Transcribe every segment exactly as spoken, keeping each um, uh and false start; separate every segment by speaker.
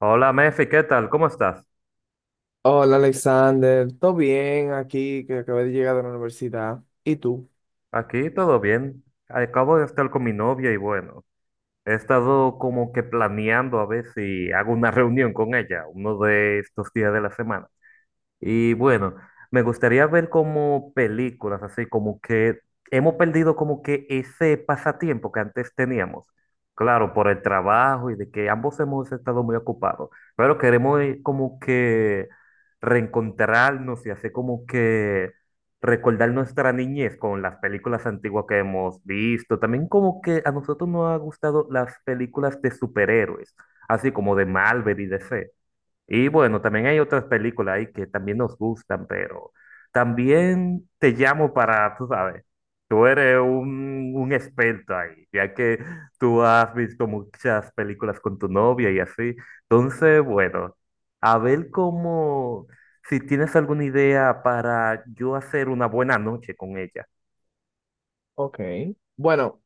Speaker 1: Hola, Mefi, ¿qué tal? ¿Cómo estás?
Speaker 2: Hola, Alexander, ¿todo bien aquí que acabé de llegar de la universidad? ¿Y tú?
Speaker 1: Aquí todo bien. Acabo de estar con mi novia y bueno, he estado como que planeando a ver si hago una reunión con ella uno de estos días de la semana. Y bueno, me gustaría ver como películas, así como que hemos perdido como que ese pasatiempo que antes teníamos. Claro, por el trabajo y de que ambos hemos estado muy ocupados, pero queremos eh, como que reencontrarnos y hacer como que recordar nuestra niñez con las películas antiguas que hemos visto. También como que a nosotros nos ha gustado las películas de superhéroes, así como de Marvel y D C y bueno, también hay otras películas ahí que también nos gustan, pero también te llamo para, tú sabes, tú eres un, un experto ahí, ya que tú has visto muchas películas con tu novia y así. Entonces, bueno, a ver cómo, si tienes alguna idea para yo hacer una buena noche con ella.
Speaker 2: Ok, bueno,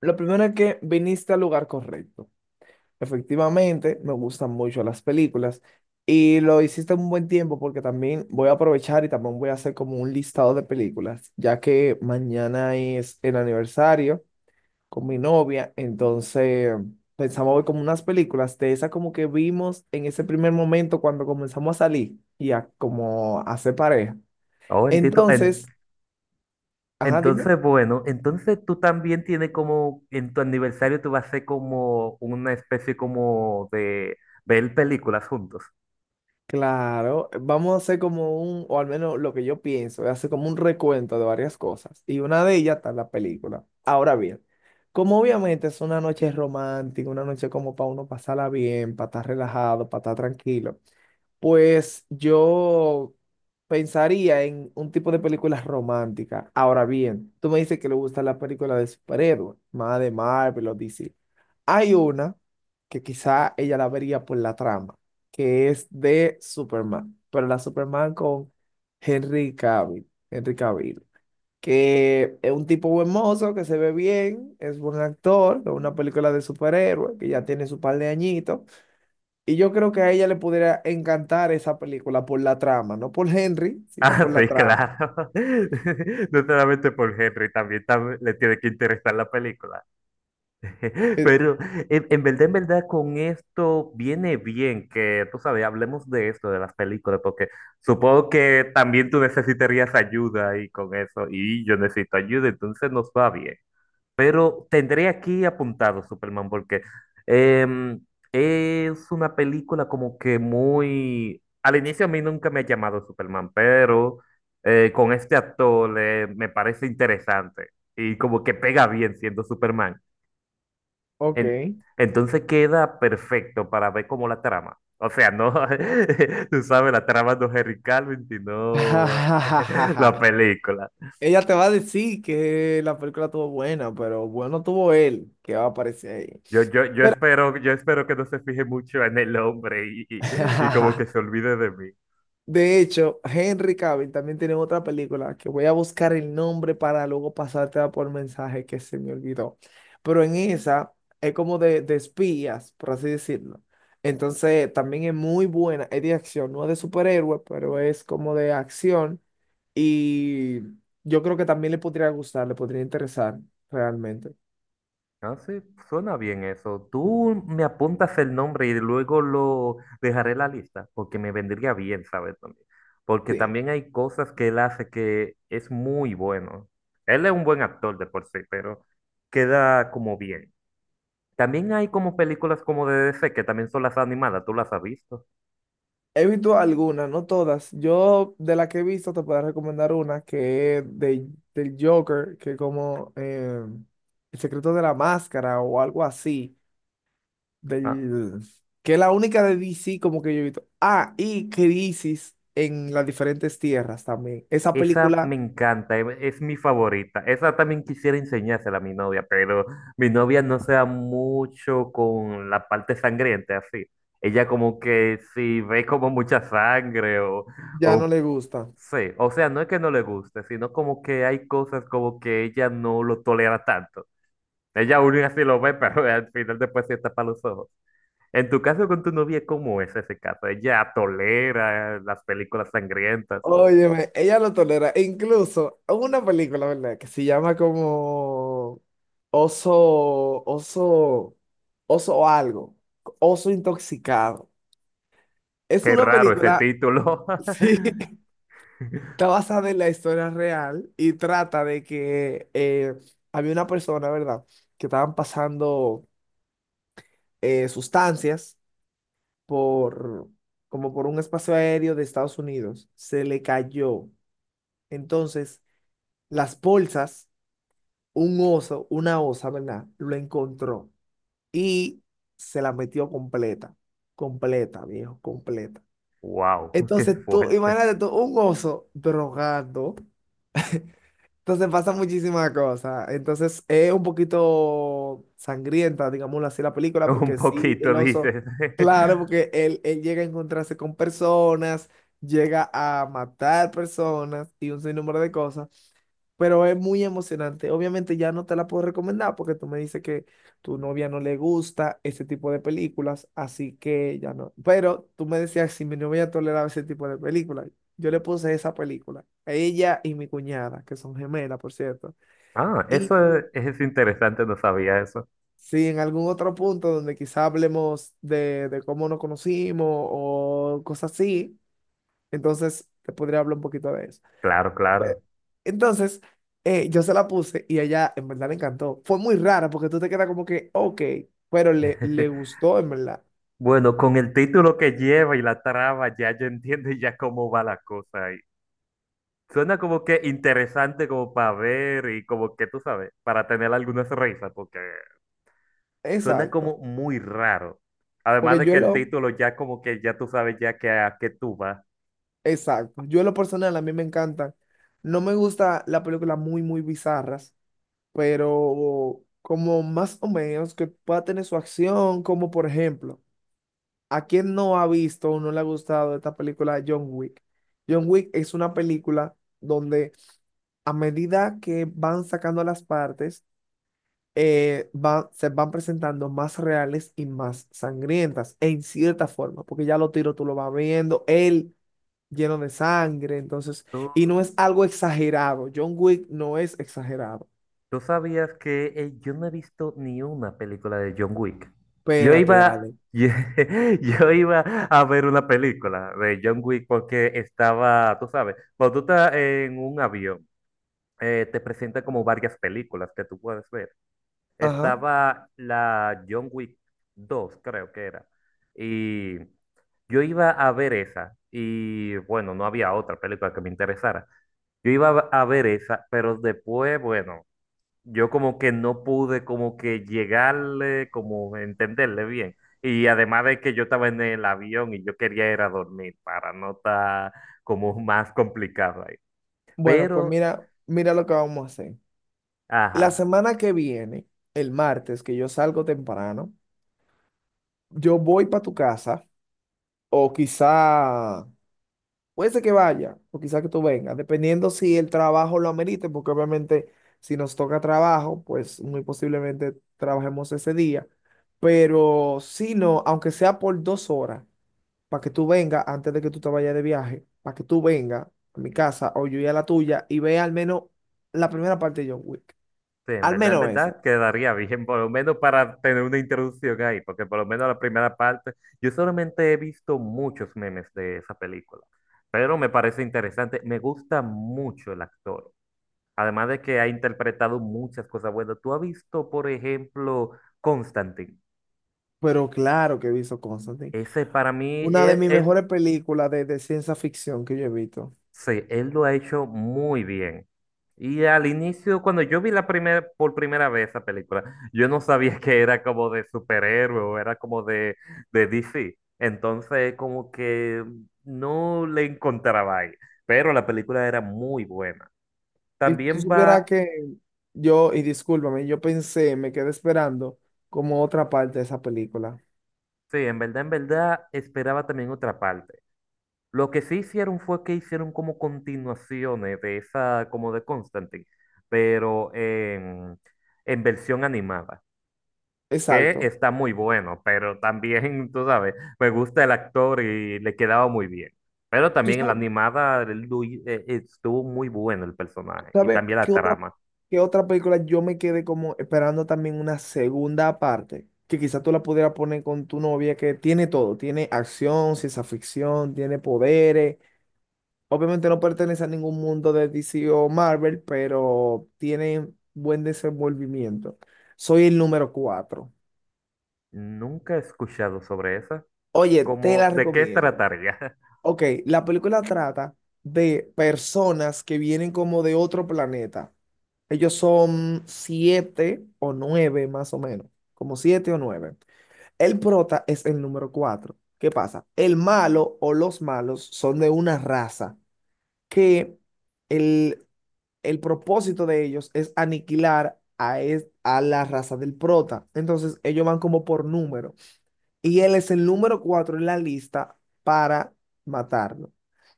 Speaker 2: lo primero es que viniste al lugar correcto. Efectivamente, me gustan mucho las películas y lo hiciste en un buen tiempo porque también voy a aprovechar y también voy a hacer como un listado de películas, ya que mañana es el aniversario con mi novia, entonces pensamos ver como unas películas de esas como que vimos en ese primer momento cuando comenzamos a salir y a como a hacer pareja.
Speaker 1: Oh, entiendo, en-
Speaker 2: Entonces, ajá, dime.
Speaker 1: entonces, bueno, entonces tú también tienes como, en tu aniversario tú vas a hacer como una especie como de ver películas juntos.
Speaker 2: Claro, vamos a hacer como un, o al menos lo que yo pienso, es hacer como un recuento de varias cosas. Y una de ellas está en la película. Ahora bien, como obviamente es una noche romántica, una noche como para uno pasarla bien, para estar relajado, para estar tranquilo. Pues yo pensaría en un tipo de película romántica. Ahora bien, tú me dices que le gusta la película de superhéroes, más de Marvel o D C. Hay una que quizá ella la vería por la trama, que es de Superman, pero la Superman con Henry Cavill, Henry Cavill, que es un tipo buen mozo, que se ve bien, es buen actor, es una película de superhéroes, que ya tiene su par de añitos y yo creo que a ella le pudiera encantar esa película por la trama, no por Henry, sino
Speaker 1: Ah,
Speaker 2: por la
Speaker 1: sí,
Speaker 2: trama.
Speaker 1: claro. No solamente por Henry, también, tam- le tiene que interesar la película.
Speaker 2: Eh,
Speaker 1: Pero en, en verdad, en verdad, con esto viene bien que, tú sabes, hablemos de esto, de las películas, porque supongo que también tú necesitarías ayuda ahí con eso, y yo necesito ayuda, entonces nos va bien. Pero tendré aquí apuntado Superman porque em, es una película como que muy al inicio a mí nunca me ha llamado Superman, pero eh, con este actor eh, me parece interesante y como que pega bien siendo Superman.
Speaker 2: ok.
Speaker 1: En- entonces queda perfecto para ver como la trama. O sea, no, tú sabes, la trama no es Henry Calvin, sino la película.
Speaker 2: Ella te va a decir que la película estuvo buena, pero bueno tuvo él que va a aparecer ahí.
Speaker 1: Yo, yo, yo
Speaker 2: Pero,
Speaker 1: espero, yo espero que no se fije mucho en el hombre y, y- y como que se olvide de mí.
Speaker 2: de hecho, Henry Cavill también tiene otra película que voy a buscar el nombre para luego pasártela por mensaje que se me olvidó. Pero en esa es como de, de espías, por así decirlo. Entonces, también es muy buena, es de acción, no es de superhéroe, pero es como de acción. Y yo creo que también le podría gustar, le podría interesar realmente.
Speaker 1: Ah, sí, suena bien eso. Tú me apuntas el nombre y luego lo dejaré en la lista, porque me vendría bien, ¿sabes? También. Porque
Speaker 2: Sí.
Speaker 1: también hay cosas que él hace que es muy bueno. Él es un buen actor de por sí, pero queda como bien. También hay como películas como de D C, que también son las animadas, ¿tú las has visto?
Speaker 2: He visto algunas, no todas. Yo de las que he visto te puedo recomendar una que es de, del Joker, que como eh, El secreto de la máscara o algo así,
Speaker 1: Ah,
Speaker 2: del, que es la única de D C como que yo he visto. Ah, y Crisis en las diferentes tierras también. Esa
Speaker 1: esa me
Speaker 2: película
Speaker 1: encanta, e- es mi favorita. Esa también quisiera enseñársela a mi novia, pero mi novia no se da mucho con la parte sangrienta, así. Ella como que si ve como mucha sangre o,
Speaker 2: ya no
Speaker 1: o
Speaker 2: le gusta.
Speaker 1: sí, o sea, no es que no le guste, sino como que hay cosas como que ella no lo tolera tanto. Ella aún así lo ve, pero al final después se tapa los ojos. En tu caso con tu novia, ¿cómo es ese caso? ¿Ella tolera las películas sangrientas o...?
Speaker 2: Óyeme, ella lo tolera. E incluso hubo una película, ¿verdad? Que se llama como Oso, Oso, Oso o algo. Oso intoxicado. Es
Speaker 1: Qué
Speaker 2: una
Speaker 1: raro ese
Speaker 2: película,
Speaker 1: título.
Speaker 2: sí, está basada en la historia real y trata de que eh, había una persona, ¿verdad? Que estaban pasando eh, sustancias por, como por un espacio aéreo de Estados Unidos. Se le cayó. Entonces, las bolsas un oso, una osa, ¿verdad? Lo encontró y se la metió completa, completa, viejo, completa.
Speaker 1: Wow, qué
Speaker 2: Entonces tú,
Speaker 1: fuerte.
Speaker 2: imagínate tú, un oso drogado. Entonces pasa muchísimas cosas. Entonces es un poquito sangrienta, digámoslo así, la película,
Speaker 1: Un
Speaker 2: porque sí,
Speaker 1: poquito
Speaker 2: el oso,
Speaker 1: dices.
Speaker 2: claro, porque él, él llega a encontrarse con personas, llega a matar personas y un sinnúmero de cosas. Pero es muy emocionante. Obviamente ya no te la puedo recomendar porque tú me dices que tu novia no le gusta ese tipo de películas, así que ya no. Pero tú me decías si mi novia toleraba ese tipo de películas. Yo le puse esa película a ella y mi cuñada, que son gemelas, por cierto.
Speaker 1: Ah, eso
Speaker 2: Y
Speaker 1: es, es interesante, no sabía eso.
Speaker 2: si en algún otro punto donde quizá hablemos de, de cómo nos conocimos o cosas así, entonces te podría hablar un poquito de eso.
Speaker 1: Claro, claro.
Speaker 2: Entonces, eh, yo se la puse y a ella en verdad le encantó. Fue muy rara porque tú te quedas como que, ok, pero le, le gustó en verdad.
Speaker 1: Bueno, con el título que lleva y la trama, ya yo entiendo ya cómo va la cosa ahí. Suena como que interesante como para ver y como que tú sabes, para tener algunas risas, porque suena
Speaker 2: Exacto.
Speaker 1: como muy raro. Además
Speaker 2: Porque
Speaker 1: de
Speaker 2: yo
Speaker 1: que el
Speaker 2: lo,
Speaker 1: título ya como que ya tú sabes ya que a qué tú vas.
Speaker 2: exacto. Yo en lo personal a mí me encantan. No me gusta la película muy, muy bizarras, pero como más o menos que pueda tener su acción, como por ejemplo. ¿A quién no ha visto o no le ha gustado esta película de John Wick? John Wick es una película donde a medida que van sacando las partes, eh, va- se van presentando más reales y más sangrientas, en cierta forma, porque ya lo tiro, tú lo vas viendo, él lleno de sangre, entonces, y
Speaker 1: ¿Tú,
Speaker 2: no es algo exagerado. John Wick no es exagerado.
Speaker 1: ¿Tú sabías que eh, yo no he visto ni una película de John Wick? Yo
Speaker 2: Espérate,
Speaker 1: iba,
Speaker 2: Ale.
Speaker 1: yo, iba a ver una película de John Wick porque estaba, tú sabes, cuando tú estás en un avión, eh, te presenta como varias películas que tú puedes ver.
Speaker 2: Ajá.
Speaker 1: Estaba la John Wick dos, creo que era. Y yo iba a ver esa. Y bueno, no había otra película que me interesara. Yo iba a ver esa, pero después, bueno yo como que no pude como que llegarle, como entenderle bien. Y además de que yo estaba en el avión y yo quería ir a dormir para no estar como más complicado ahí.
Speaker 2: Bueno, pues
Speaker 1: Pero,
Speaker 2: mira, mira lo que vamos a hacer. La
Speaker 1: ajá,
Speaker 2: semana que viene, el martes, que yo salgo temprano, yo voy para tu casa o quizá, puede ser que vaya o quizá que tú vengas, dependiendo si el trabajo lo amerite, porque obviamente si nos toca trabajo, pues muy posiblemente trabajemos ese día, pero si no, aunque sea por dos horas, para que tú vengas antes de que tú te vayas de viaje, para que tú vengas a mi casa o yo y a la tuya y vea al menos la primera parte de John Wick,
Speaker 1: sí, en
Speaker 2: al
Speaker 1: verdad, en
Speaker 2: menos esa.
Speaker 1: verdad quedaría bien, por lo menos para tener una introducción ahí, porque por lo menos la primera parte, yo solamente he visto muchos memes de esa película, pero me parece interesante, me gusta mucho el actor. Además de que ha interpretado muchas cosas buenas. Tú has visto, por ejemplo, Constantine.
Speaker 2: Pero claro que he visto Constantine.
Speaker 1: Ese para mí,
Speaker 2: Una de
Speaker 1: él,
Speaker 2: mis
Speaker 1: él-
Speaker 2: mejores películas de, de, ciencia ficción que yo he visto.
Speaker 1: sí, él lo ha hecho muy bien. Y al inicio, cuando yo vi la primera, por primera vez esa película, yo no sabía que era como de superhéroe o era como de, de D C. Entonces, como que no le encontraba ahí. Pero la película era muy buena.
Speaker 2: Y tú
Speaker 1: También
Speaker 2: supieras
Speaker 1: va,
Speaker 2: que yo, y discúlpame, yo pensé, me quedé esperando como otra parte de esa película.
Speaker 1: sí, en verdad, en verdad, esperaba también otra parte. Lo que sí hicieron fue que hicieron como continuaciones de esa, como de Constantine, pero en, en versión animada, que
Speaker 2: Exacto.
Speaker 1: está muy bueno, pero también, tú sabes, me gusta el actor y le quedaba muy bien. Pero
Speaker 2: ¿Tú
Speaker 1: también en la
Speaker 2: sab-
Speaker 1: animada el Lui- eh, estuvo muy bueno el
Speaker 2: Tú
Speaker 1: personaje y
Speaker 2: sabes,
Speaker 1: también la
Speaker 2: qué otra,
Speaker 1: trama.
Speaker 2: qué otra película yo me quedé como esperando también una segunda parte? Que quizás tú la pudieras poner con tu novia, que tiene todo. Tiene acción, ciencia ficción, tiene poderes. Obviamente no pertenece a ningún mundo de D C o Marvel, pero tiene buen desenvolvimiento. Soy el número cuatro.
Speaker 1: Nunca he escuchado sobre esa.
Speaker 2: Oye, te la
Speaker 1: Como de qué
Speaker 2: recomiendo.
Speaker 1: trataría?
Speaker 2: Ok, la película trata de personas que vienen como de otro planeta. Ellos son siete o nueve más o menos, como siete o nueve. El prota es el número cuatro. ¿Qué pasa? El malo o los malos son de una raza que... El, el propósito de ellos es aniquilar a, es- a la raza del prota. Entonces ellos van como por número. Y él es el número cuatro en la lista para matarlo.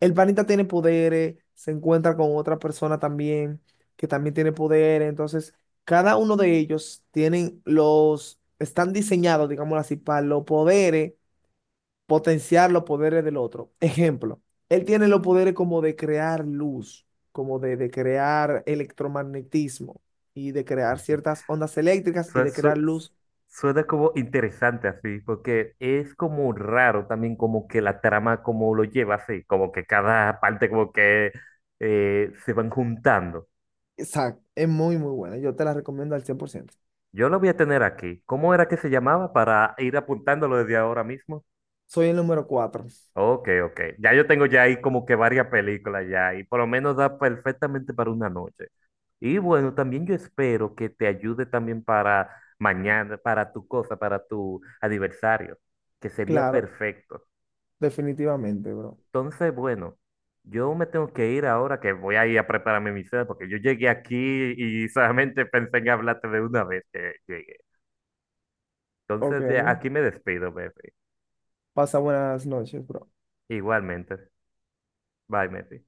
Speaker 2: El panita tiene poderes, se encuentra con otra persona también que también tiene poderes. Entonces cada uno de ellos tienen los, están diseñados, digámoslo así, para los poderes potenciar los poderes del otro. Ejemplo, él tiene los poderes como de crear luz, como de, de, crear electromagnetismo y de crear ciertas ondas eléctricas y
Speaker 1: Su-
Speaker 2: de crear
Speaker 1: su-
Speaker 2: luz.
Speaker 1: Suena como interesante así, porque es como raro también como que la trama como lo lleva así, como que cada parte como que eh, se van juntando.
Speaker 2: Exacto, es muy, muy buena. Yo te la recomiendo al cien por ciento.
Speaker 1: Yo lo voy a tener aquí. ¿Cómo era que se llamaba para ir apuntándolo desde ahora mismo?
Speaker 2: Soy el número cuatro.
Speaker 1: Ok, ok. Ya yo tengo ya ahí como que varias películas ya y por lo menos da perfectamente para una noche. Y bueno, también yo espero que te ayude también para mañana, para tu cosa, para tu aniversario, que sería
Speaker 2: Claro,
Speaker 1: perfecto.
Speaker 2: definitivamente, bro.
Speaker 1: Entonces, bueno, yo me tengo que ir ahora que voy a ir a prepararme mi cena porque yo llegué aquí y solamente pensé en hablarte de una vez que llegué.
Speaker 2: Ok.
Speaker 1: Entonces, de aquí me despido, Mefi.
Speaker 2: Pasa buenas noches, bro.
Speaker 1: Igualmente. Bye, Mefi.